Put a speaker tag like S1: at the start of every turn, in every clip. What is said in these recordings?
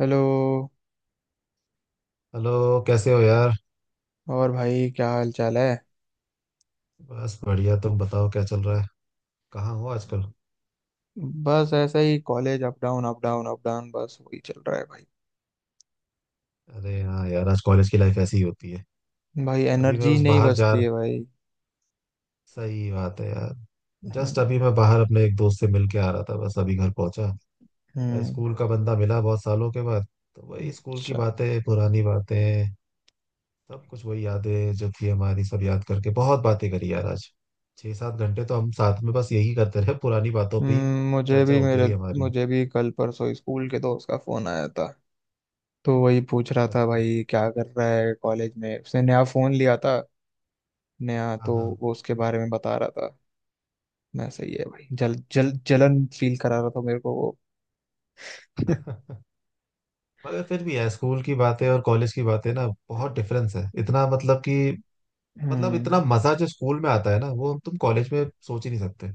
S1: Hello.
S2: Hello कैसे हो यार।
S1: और भाई क्या हाल चाल है।
S2: बस बढ़िया, तुम बताओ क्या चल रहा है। कहाँ हो आजकल।
S1: बस ऐसा ही college up down up down up down बस वही चल रहा है भाई।
S2: अरे हाँ यार, आज कॉलेज की लाइफ ऐसी ही होती है।
S1: भाई
S2: अभी मैं
S1: एनर्जी
S2: बस
S1: नहीं
S2: बाहर जा।
S1: बचती है भाई।
S2: सही बात है यार। जस्ट अभी
S1: हम्म।
S2: मैं बाहर अपने एक दोस्त से मिल के आ रहा था, बस अभी घर पहुंचा। भाई
S1: हम्म,
S2: स्कूल का बंदा मिला बहुत सालों के बाद। तो वही स्कूल की
S1: अच्छा।
S2: बातें, पुरानी बातें। सब कुछ वही यादें जो थी हमारी सब याद करके बहुत बातें करी यार आज। 6-7 घंटे तो हम साथ में बस यही करते रहे, पुरानी बातों पे ही
S1: मुझे
S2: चर्चा
S1: भी
S2: होती
S1: मेरे
S2: रही हमारी।
S1: मुझे भी कल परसों स्कूल के दोस्त का फोन आया था। तो वही पूछ रहा था,
S2: अच्छा।
S1: भाई क्या कर रहा है कॉलेज में। उसने नया फोन लिया था, नया तो
S2: हाँ
S1: वो उसके बारे में बता रहा था। मैं सही है भाई, जल जल जलन फील करा रहा था मेरे को वो।
S2: हाँ। मगर फिर भी है, स्कूल की बातें और कॉलेज की बातें ना बहुत डिफरेंस है, इतना मतलब कि मतलब
S1: हम्म।
S2: इतना मजा जो स्कूल में आता है ना वो हम तुम कॉलेज में सोच ही नहीं सकते।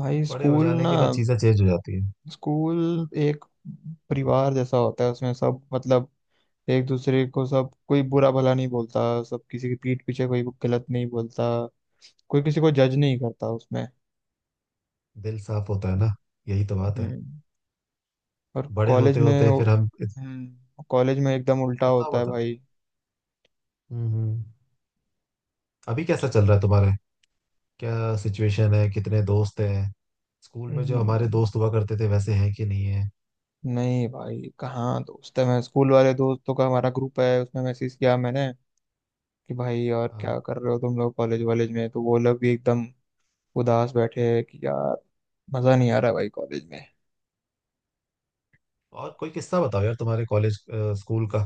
S1: भाई
S2: बड़े हो
S1: स्कूल
S2: जाने
S1: ना,
S2: के बाद चीजें चेंज हो जाती है।
S1: स्कूल एक परिवार जैसा होता है। उसमें सब मतलब एक दूसरे को सब कोई बुरा भला नहीं बोलता। सब किसी की पीठ पीछे कोई गलत नहीं बोलता। कोई किसी को जज नहीं करता उसमें।
S2: दिल साफ होता है ना। यही तो बात है।
S1: हम्म। और
S2: बड़े
S1: कॉलेज
S2: होते
S1: में,
S2: होते फिर हम।
S1: हम्म, कॉलेज में एकदम उल्टा
S2: बताओ
S1: होता है
S2: बताओ।
S1: भाई।
S2: हम्म हम्म। अभी कैसा चल रहा है तुम्हारे, क्या सिचुएशन है, कितने दोस्त हैं। स्कूल में जो हमारे
S1: हम्म,
S2: दोस्त हुआ करते थे वैसे हैं कि नहीं है।
S1: नहीं भाई कहाँ दोस्त है। मैं स्कूल वाले दोस्तों का हमारा ग्रुप है उसमें मैसेज किया मैंने कि भाई यार
S2: हाँ।
S1: क्या कर रहे हो तुम लोग कॉलेज वॉलेज में। तो वो लोग भी एकदम उदास बैठे हैं कि यार मजा नहीं आ रहा भाई कॉलेज में।
S2: और कोई किस्सा बताओ यार, तुम्हारे कॉलेज स्कूल का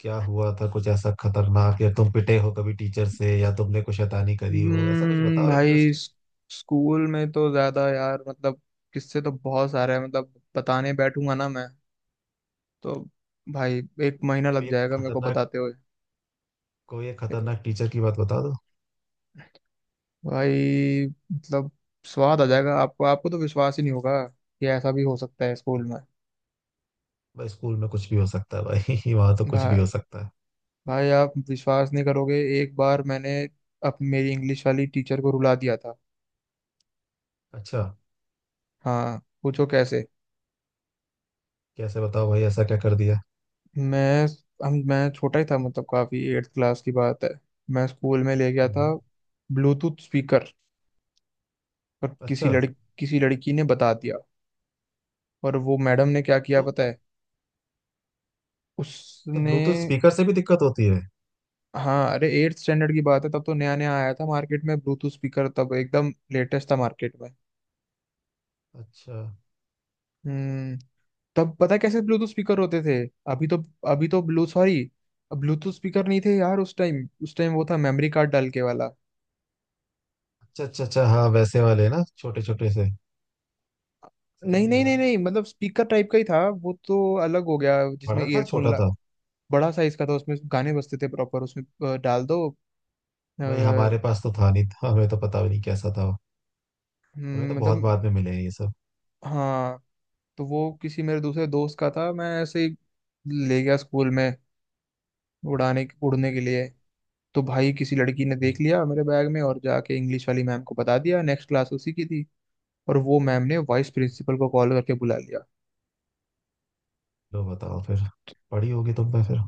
S2: क्या हुआ था, कुछ ऐसा खतरनाक या तुम पिटे हो कभी टीचर से, या तुमने कुछ शैतानी करी हो, ऐसा कुछ
S1: हम्म,
S2: बताओ
S1: भाई
S2: इंटरेस्टिंग।
S1: स- स्कूल में तो ज्यादा यार, मतलब किससे तो बहुत सारे हैं। मतलब बताने बैठूंगा ना मैं तो भाई, एक महीना लग
S2: कोई एक
S1: जाएगा मेरे को
S2: खतरनाक,
S1: बताते हुए।
S2: कोई एक खतरनाक टीचर की बात बता दो।
S1: भाई मतलब स्वाद आ जाएगा आपको। आपको तो विश्वास ही नहीं होगा कि ऐसा भी हो सकता है स्कूल में।
S2: भाई स्कूल में कुछ भी हो सकता है भाई वहां तो
S1: भा,
S2: कुछ भी हो सकता है।
S1: भाई आप विश्वास नहीं करोगे। एक बार मैंने अप मेरी इंग्लिश वाली टीचर को रुला दिया था।
S2: अच्छा।
S1: हाँ पूछो कैसे।
S2: कैसे बताओ भाई, ऐसा क्या कर दिया।
S1: मैं मैं छोटा ही था, मतलब काफी, एट्थ क्लास की बात है। मैं स्कूल में ले गया
S2: हम्म।
S1: था ब्लूटूथ स्पीकर, और
S2: अच्छा।
S1: किसी लड़की ने बता दिया। और वो मैडम ने क्या किया
S2: तो
S1: पता है,
S2: तो
S1: उसने।
S2: ब्लूटूथ स्पीकर से भी दिक्कत होती है।
S1: हाँ अरे एट्थ स्टैंडर्ड की बात है। तब तो नया नया आया था मार्केट में ब्लूटूथ स्पीकर, तब एकदम लेटेस्ट था मार्केट में।
S2: अच्छा
S1: हम्म। तब पता है कैसे ब्लूटूथ स्पीकर होते थे। अभी तो अभी तो ब्लूटूथ स्पीकर नहीं थे यार उस टाइम। उस टाइम वो था मेमोरी कार्ड डाल के वाला।
S2: अच्छा अच्छा। अच्छा हाँ वैसे वाले ना, छोटे छोटे से। सही
S1: नहीं
S2: है
S1: नहीं नहीं
S2: यार।
S1: नहीं, मतलब स्पीकर टाइप का ही था वो तो, अलग हो गया जिसमें
S2: बड़ा था
S1: ईयरफोन
S2: छोटा
S1: ला।
S2: था।
S1: बड़ा साइज का था, उसमें गाने बजते थे प्रॉपर उसमें। डाल दो। अ,
S2: भाई
S1: हम्म,
S2: हमारे पास तो था नहीं, था हमें तो पता भी नहीं कैसा था वो। हमें तो
S1: मतलब
S2: बहुत बाद में मिले हैं ये
S1: हाँ। तो वो किसी मेरे दूसरे दोस्त का था। मैं ऐसे ही ले गया स्कूल में, उड़ाने उड़ने के लिए। तो भाई किसी लड़की ने देख लिया मेरे बैग में, और जाके इंग्लिश वाली मैम को बता दिया, नेक्स्ट क्लास उसी की थी। और वो मैम ने वाइस
S2: सब।
S1: प्रिंसिपल को कॉल करके बुला लिया।
S2: लो बताओ फिर। पड़ी होगी तुम पे फिर।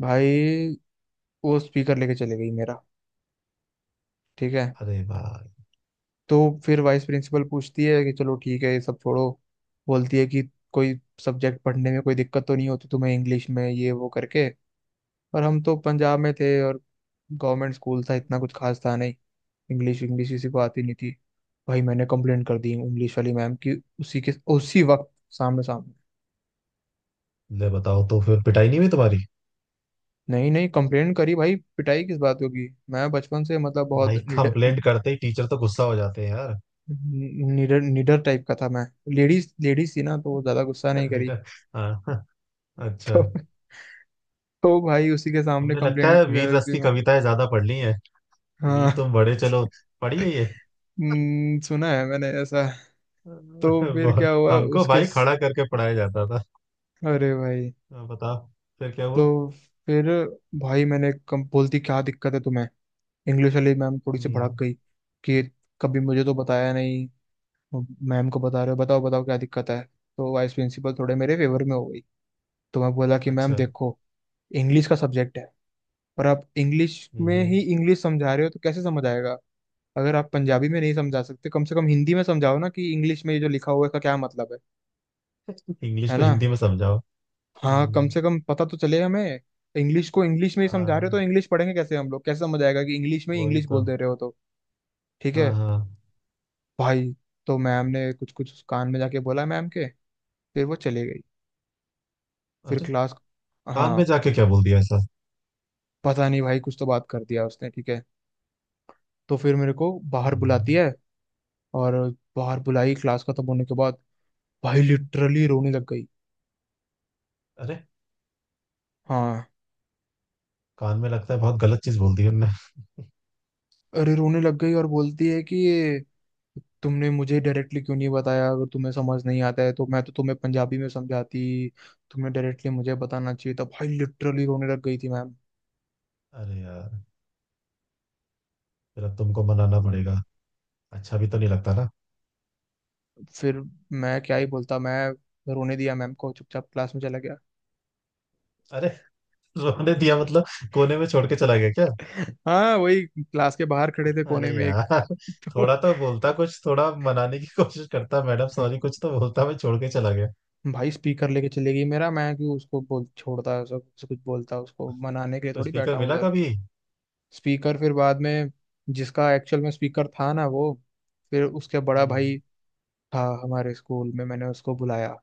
S1: भाई वो स्पीकर लेके चले गई मेरा। ठीक है,
S2: अरे भाई।
S1: तो फिर वाइस प्रिंसिपल पूछती है कि चलो ठीक है ये सब छोड़ो। बोलती है कि कोई सब्जेक्ट पढ़ने में कोई दिक्कत तो नहीं होती तुम्हें, इंग्लिश में ये वो करके। पर हम तो पंजाब में थे और गवर्नमेंट स्कूल था, इतना कुछ खास था नहीं। इंग्लिश इंग्लिश किसी को आती नहीं थी। भाई मैंने कंप्लेंट कर दी इंग्लिश वाली मैम की, उसी के उसी वक्त, सामने सामने।
S2: ले बताओ तो फिर पिटाई नहीं हुई तुम्हारी।
S1: नहीं नहीं, कंप्लेंट करी भाई, पिटाई किस बात होगी। मैं बचपन से मतलब बहुत
S2: भाई
S1: निडर,
S2: कंप्लेंट करते ही टीचर तो गुस्सा हो जाते हैं यार।
S1: निडर टाइप का था मैं। लेडीज लेडीज थी ना तो वो ज्यादा गुस्सा नहीं करी।
S2: लेटर। हाँ हाँ। अच्छा।
S1: तो तो भाई उसी के सामने
S2: तुमने लगता
S1: कंप्लेंट
S2: है वीर
S1: कर
S2: रस
S1: दी
S2: की
S1: मैं।
S2: कविताएं ज्यादा पढ़ ली हैं।
S1: हाँ।
S2: वीर तुम बड़े, चलो पढ़ी है ये।
S1: सुना है मैंने ऐसा। तो
S2: अरे
S1: फिर
S2: बहुत
S1: क्या हुआ
S2: हमको
S1: उसके
S2: भाई
S1: स-
S2: खड़ा करके पढ़ाया जाता था।
S1: अरे भाई।
S2: हाँ, बताओ फिर क्या हुआ।
S1: तो फिर भाई मैंने कम बोलती क्या दिक्कत है तुम्हें। इंग्लिश वाली मैम थोड़ी सी
S2: हम्म।
S1: भड़क गई कि कभी मुझे तो बताया नहीं, मैम को बता रहे हो, बताओ बताओ क्या दिक्कत है। तो वाइस प्रिंसिपल थोड़े मेरे फेवर में हो गई। तो मैं बोला कि मैम
S2: अच्छा।
S1: देखो, इंग्लिश का सब्जेक्ट है और आप इंग्लिश में
S2: हम्म
S1: ही इंग्लिश समझा रहे हो तो कैसे समझ आएगा। अगर आप पंजाबी में नहीं समझा सकते कम से कम हिंदी में समझाओ ना, कि इंग्लिश में ये जो लिखा हुआ है इसका क्या मतलब है।
S2: इंग्लिश
S1: है
S2: को
S1: ना,
S2: हिंदी में समझाओ।
S1: हाँ कम
S2: हम्म।
S1: से कम पता तो चले हमें। इंग्लिश को इंग्लिश में ही समझा
S2: हाँ
S1: रहे हो तो इंग्लिश पढ़ेंगे कैसे हम लोग, कैसे समझ आएगा कि इंग्लिश में ही
S2: वही
S1: इंग्लिश
S2: तो।
S1: बोल दे रहे हो तो। ठीक है
S2: हाँ हाँ।
S1: भाई। तो मैम ने कुछ कुछ कान में जाके बोला मैम के, फिर वो चली गई। फिर
S2: अरे
S1: क्लास,
S2: कान
S1: हाँ
S2: में जाके क्या बोल दिया ऐसा।
S1: पता नहीं भाई कुछ तो बात कर दिया उसने। ठीक है, तो फिर मेरे को बाहर बुलाती
S2: हम्म।
S1: है। और बाहर बुलाई क्लास खत्म होने के बाद, भाई लिटरली रोने लग गई।
S2: अरे
S1: हाँ।
S2: कान में लगता है बहुत गलत चीज बोल दी उनने।
S1: अरे रोने लग गई, और बोलती है कि ये तुमने मुझे डायरेक्टली क्यों नहीं बताया। अगर तुम्हें समझ नहीं आता है तो मैं तो तुम्हें पंजाबी में समझाती। तुमने डायरेक्टली मुझे बताना चाहिए था। भाई लिटरली रोने लग गई थी मैम।
S2: अरे यार। फिर अब तुमको मनाना पड़ेगा। अच्छा भी तो नहीं लगता ना।
S1: फिर मैं क्या ही बोलता, मैं रोने दिया मैम को, चुपचाप क्लास में चला गया।
S2: अरे रोने दिया मतलब, कोने में छोड़ के चला गया क्या।
S1: हाँ वही क्लास के बाहर खड़े थे
S2: अरे
S1: कोने में एक।
S2: यार।
S1: तो
S2: थोड़ा तो बोलता कुछ, थोड़ा मनाने की कोशिश करता, मैडम सॉरी
S1: हम्म।
S2: कुछ तो बोलता, मैं छोड़ के चला गया।
S1: भाई स्पीकर लेके चले गई मेरा, मैं क्यों उसको बोल छोड़ता, ऐसा ऐसा कुछ बोलता उसको मनाने के लिए
S2: तो
S1: थोड़ी बैठा
S2: स्पीकर
S1: हूँ।
S2: मिला कभी।
S1: स्पीकर फिर बाद में, जिसका एक्चुअल में स्पीकर था ना वो, फिर उसके बड़ा
S2: हम्म।
S1: भाई था हमारे स्कूल में, मैंने उसको बुलाया।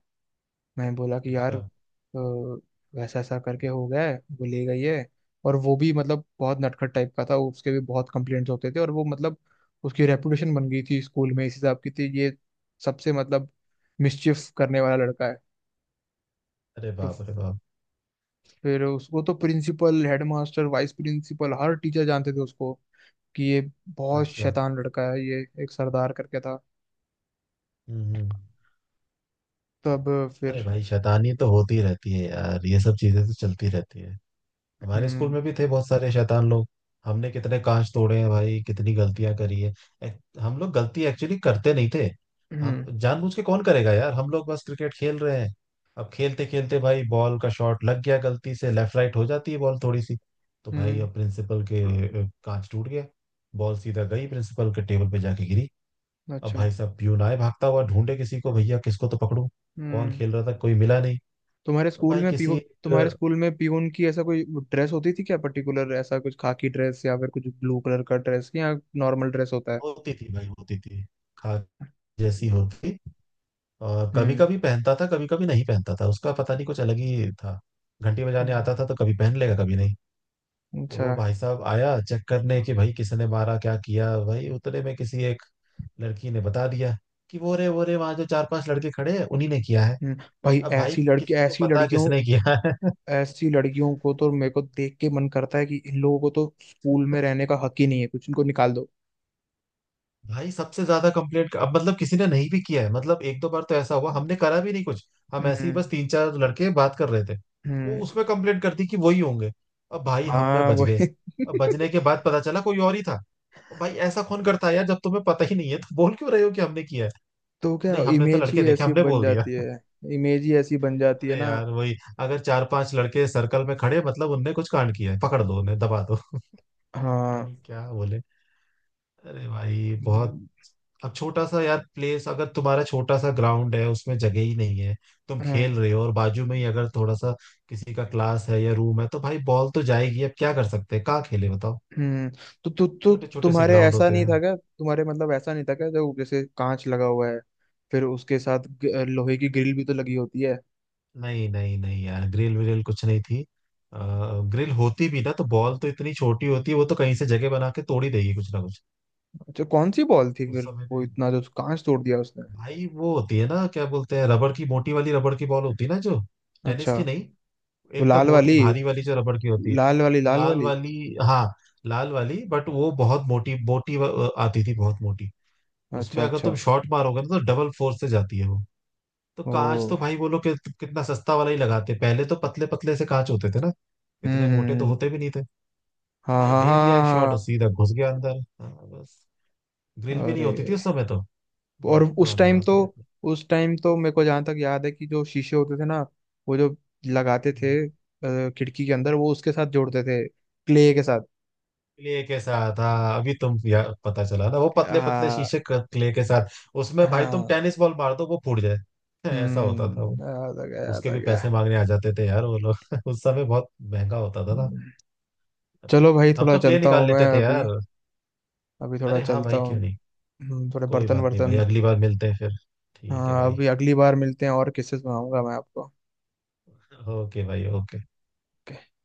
S1: मैं बोला कि यार,
S2: अच्छा।
S1: वैसा ऐसा करके हो गया है वो ले गई है। और वो भी मतलब बहुत नटखट टाइप का था, उसके भी बहुत कंप्लेंट्स होते थे। और वो मतलब उसकी रेपुटेशन बन गई थी स्कूल में, इस हिसाब की थी ये सबसे मतलब मिसचिफ करने वाला लड़का है।
S2: अरे
S1: तो
S2: बाप अरे बाप।
S1: फिर उसको तो प्रिंसिपल, हेडमास्टर, वाइस प्रिंसिपल, हर टीचर जानते थे उसको कि ये बहुत
S2: अच्छा।
S1: शैतान लड़का है ये, एक सरदार करके था।
S2: हम्म हम्म।
S1: तब फिर
S2: अरे भाई शैतानी तो होती रहती है यार, ये सब चीजें तो चलती रहती है। हमारे स्कूल
S1: हम्म।
S2: में भी थे बहुत सारे शैतान लोग। हमने कितने कांच तोड़े हैं भाई, कितनी गलतियां करी है। हम लोग गलती एक्चुअली करते नहीं थे। हम
S1: हम्म।
S2: जानबूझ के कौन करेगा यार, हम लोग बस क्रिकेट खेल रहे हैं। अब खेलते खेलते भाई बॉल का शॉट लग गया गलती से, लेफ्ट राइट हो जाती है बॉल थोड़ी सी। तो भाई
S1: हम्म,
S2: अब प्रिंसिपल के कांच टूट गया। बॉल सीधा गई प्रिंसिपल के टेबल पे जाके गिरी। अब
S1: अच्छा।
S2: भाई साहब प्यून आए भागता हुआ, ढूंढे किसी को, भैया किसको तो पकड़ूं। कौन
S1: हम्म,
S2: खेल रहा था कोई मिला नहीं।
S1: तुम्हारे
S2: अब
S1: स्कूल
S2: भाई
S1: में पीओ
S2: किसी
S1: तुम्हारे स्कूल में पीओन की ऐसा कोई ड्रेस होती थी क्या पर्टिकुलर, ऐसा कुछ खाकी ड्रेस या फिर कुछ ब्लू कलर का ड्रेस, या नॉर्मल ड्रेस होता है।
S2: होती थी भाई, होती थी। खा जैसी होगी। और कभी
S1: हम्म।
S2: कभी पहनता था, कभी कभी नहीं पहनता था, उसका पता नहीं कुछ अलग ही था। घंटी बजाने आता
S1: हम्म,
S2: था तो कभी पहन लेगा कभी नहीं। तो
S1: अच्छा।
S2: वो भाई साहब आया चेक करने कि भाई किसने मारा क्या किया, भाई उतने में किसी एक लड़की ने बता दिया कि वो रे वहां जो चार पांच लड़के खड़े हैं उन्हीं ने किया है।
S1: हम्म, भाई
S2: अब भाई किसको
S1: ऐसी
S2: पता
S1: लड़कियों,
S2: किसने किया है।
S1: ऐसी लड़कियों को तो मेरे को देख के मन करता है कि इन लोगों को तो स्कूल में रहने का हक ही नहीं है कुछ, इनको निकाल दो।
S2: भाई सबसे ज्यादा कंप्लेंट, अब मतलब किसी ने नहीं भी किया है, मतलब एक दो बार तो ऐसा हुआ हमने करा भी नहीं कुछ। हम ऐसे ही बस
S1: हम्म।
S2: तीन चार लड़के बात कर रहे थे। वो
S1: हम्म,
S2: उसमें कंप्लेंट कर दी कि वही होंगे। अब भाई हम में
S1: हाँ
S2: बच गए।
S1: वही।
S2: अब बचने के बाद पता चला कोई और ही था। अब भाई ऐसा कौन करता है यार, जब तुम्हें पता ही नहीं है तो बोल क्यों रहे हो कि हमने किया है।
S1: तो क्या
S2: नहीं हमने तो
S1: इमेज ही
S2: लड़के देखे,
S1: ऐसी
S2: हमने
S1: बन
S2: बोल दिया।
S1: जाती है, इमेज ही ऐसी बन जाती है
S2: अरे
S1: ना।
S2: यार वही। अगर चार पांच लड़के सर्कल में खड़े, मतलब उनने कुछ कांड किया है, पकड़ दो उन्हें दबा दो। पता
S1: हाँ।
S2: नहीं क्या बोले। अरे भाई बहुत।
S1: हम्म।
S2: अब छोटा सा यार प्लेस, अगर तुम्हारा छोटा सा ग्राउंड है उसमें जगह ही नहीं है, तुम
S1: हाँ,
S2: खेल रहे हो और बाजू में ही अगर थोड़ा सा किसी का क्लास है या रूम है, तो भाई बॉल तो जाएगी, अब क्या कर सकते हैं, कहाँ खेले बताओ।
S1: हम्म। तो तु, तु,
S2: छोटे छोटे से
S1: तुम्हारे
S2: ग्राउंड
S1: ऐसा
S2: होते
S1: नहीं
S2: हैं।
S1: था क्या, तुम्हारे मतलब ऐसा नहीं था क्या, जो जैसे कांच लगा हुआ है फिर उसके साथ लोहे की ग्रिल भी तो लगी होती है।
S2: नहीं नहीं नहीं यार, ग्रिल विल कुछ नहीं थी। ग्रिल होती भी ना तो बॉल तो इतनी छोटी होती है, वो तो कहीं से जगह बना के तोड़ ही देगी कुछ ना कुछ।
S1: अच्छा कौन सी बॉल थी
S2: उस
S1: फिर,
S2: समय
S1: वो
S2: पे।
S1: इतना जो कांच तोड़ दिया उसने।
S2: भाई वो होती है ना, क्या बोलते हैं, रबड़ की मोटी वाली, रबड़ की बॉल होती है ना जो, टेनिस
S1: अच्छा।
S2: की नहीं,
S1: वो
S2: एकदम मोटी भारी वाली जो रबड़ की होती है।
S1: लाल वाली लाल
S2: लाल
S1: वाली।
S2: वाली। हाँ। लाल वाली, बट वो बहुत मोटी मोटी आती थी, बहुत मोटी। उसमें
S1: अच्छा
S2: अगर
S1: अच्छा।
S2: तुम शॉट मारोगे ना तो डबल फोर्स से जाती है वो। तो
S1: ओ।
S2: कांच तो भाई बोलो कि कितना सस्ता वाला ही लगाते, पहले तो पतले पतले से कांच होते थे ना, इतने
S1: हम्म,
S2: मोटे तो होते भी नहीं थे।
S1: हाँ
S2: भाई
S1: हाँ
S2: दे दिया
S1: हाँ
S2: एक शॉट और
S1: हाँ।
S2: सीधा घुस गया अंदर, हाँ, बस। ग्रिल
S1: हाँ।
S2: भी नहीं
S1: अरे,
S2: होती थी उस समय तो।
S1: और
S2: बहुत
S1: उस
S2: पुरानी
S1: टाइम
S2: बात
S1: तो,
S2: है ये
S1: उस टाइम तो मेरे को जहां तक याद है कि जो शीशे होते थे ना, वो जो
S2: तो।
S1: लगाते थे खिड़की के अंदर, वो उसके साथ जोड़ते थे क्ले के साथ।
S2: क्ले के साथ हाँ, अभी तुम पता चला ना वो पतले पतले
S1: हाँ।
S2: शीशे क्ले के साथ। उसमें भाई तुम
S1: हाँ।
S2: टेनिस बॉल मार दो वो फूट जाए। ऐसा होता था वो।
S1: हम्म, याद आ गया, याद
S2: उसके
S1: आ
S2: भी
S1: गया।
S2: पैसे मांगने आ जाते थे यार वो लोग। उस समय बहुत महंगा होता था ना।
S1: हम्म। चलो भाई
S2: हम
S1: थोड़ा
S2: तो क्ले
S1: चलता
S2: निकाल
S1: हूँ मैं
S2: लेते थे
S1: अभी,
S2: यार।
S1: अभी थोड़ा
S2: अरे हाँ
S1: चलता
S2: भाई क्यों
S1: हूँ।
S2: नहीं।
S1: थोड़े
S2: कोई
S1: बर्तन
S2: बात नहीं भाई,
S1: वर्तन।
S2: अगली बार मिलते हैं फिर। ठीक है
S1: हाँ
S2: भाई।
S1: अभी अगली बार मिलते हैं, और किस्से सुनाऊंगा मैं आपको।
S2: ओके भाई ओके।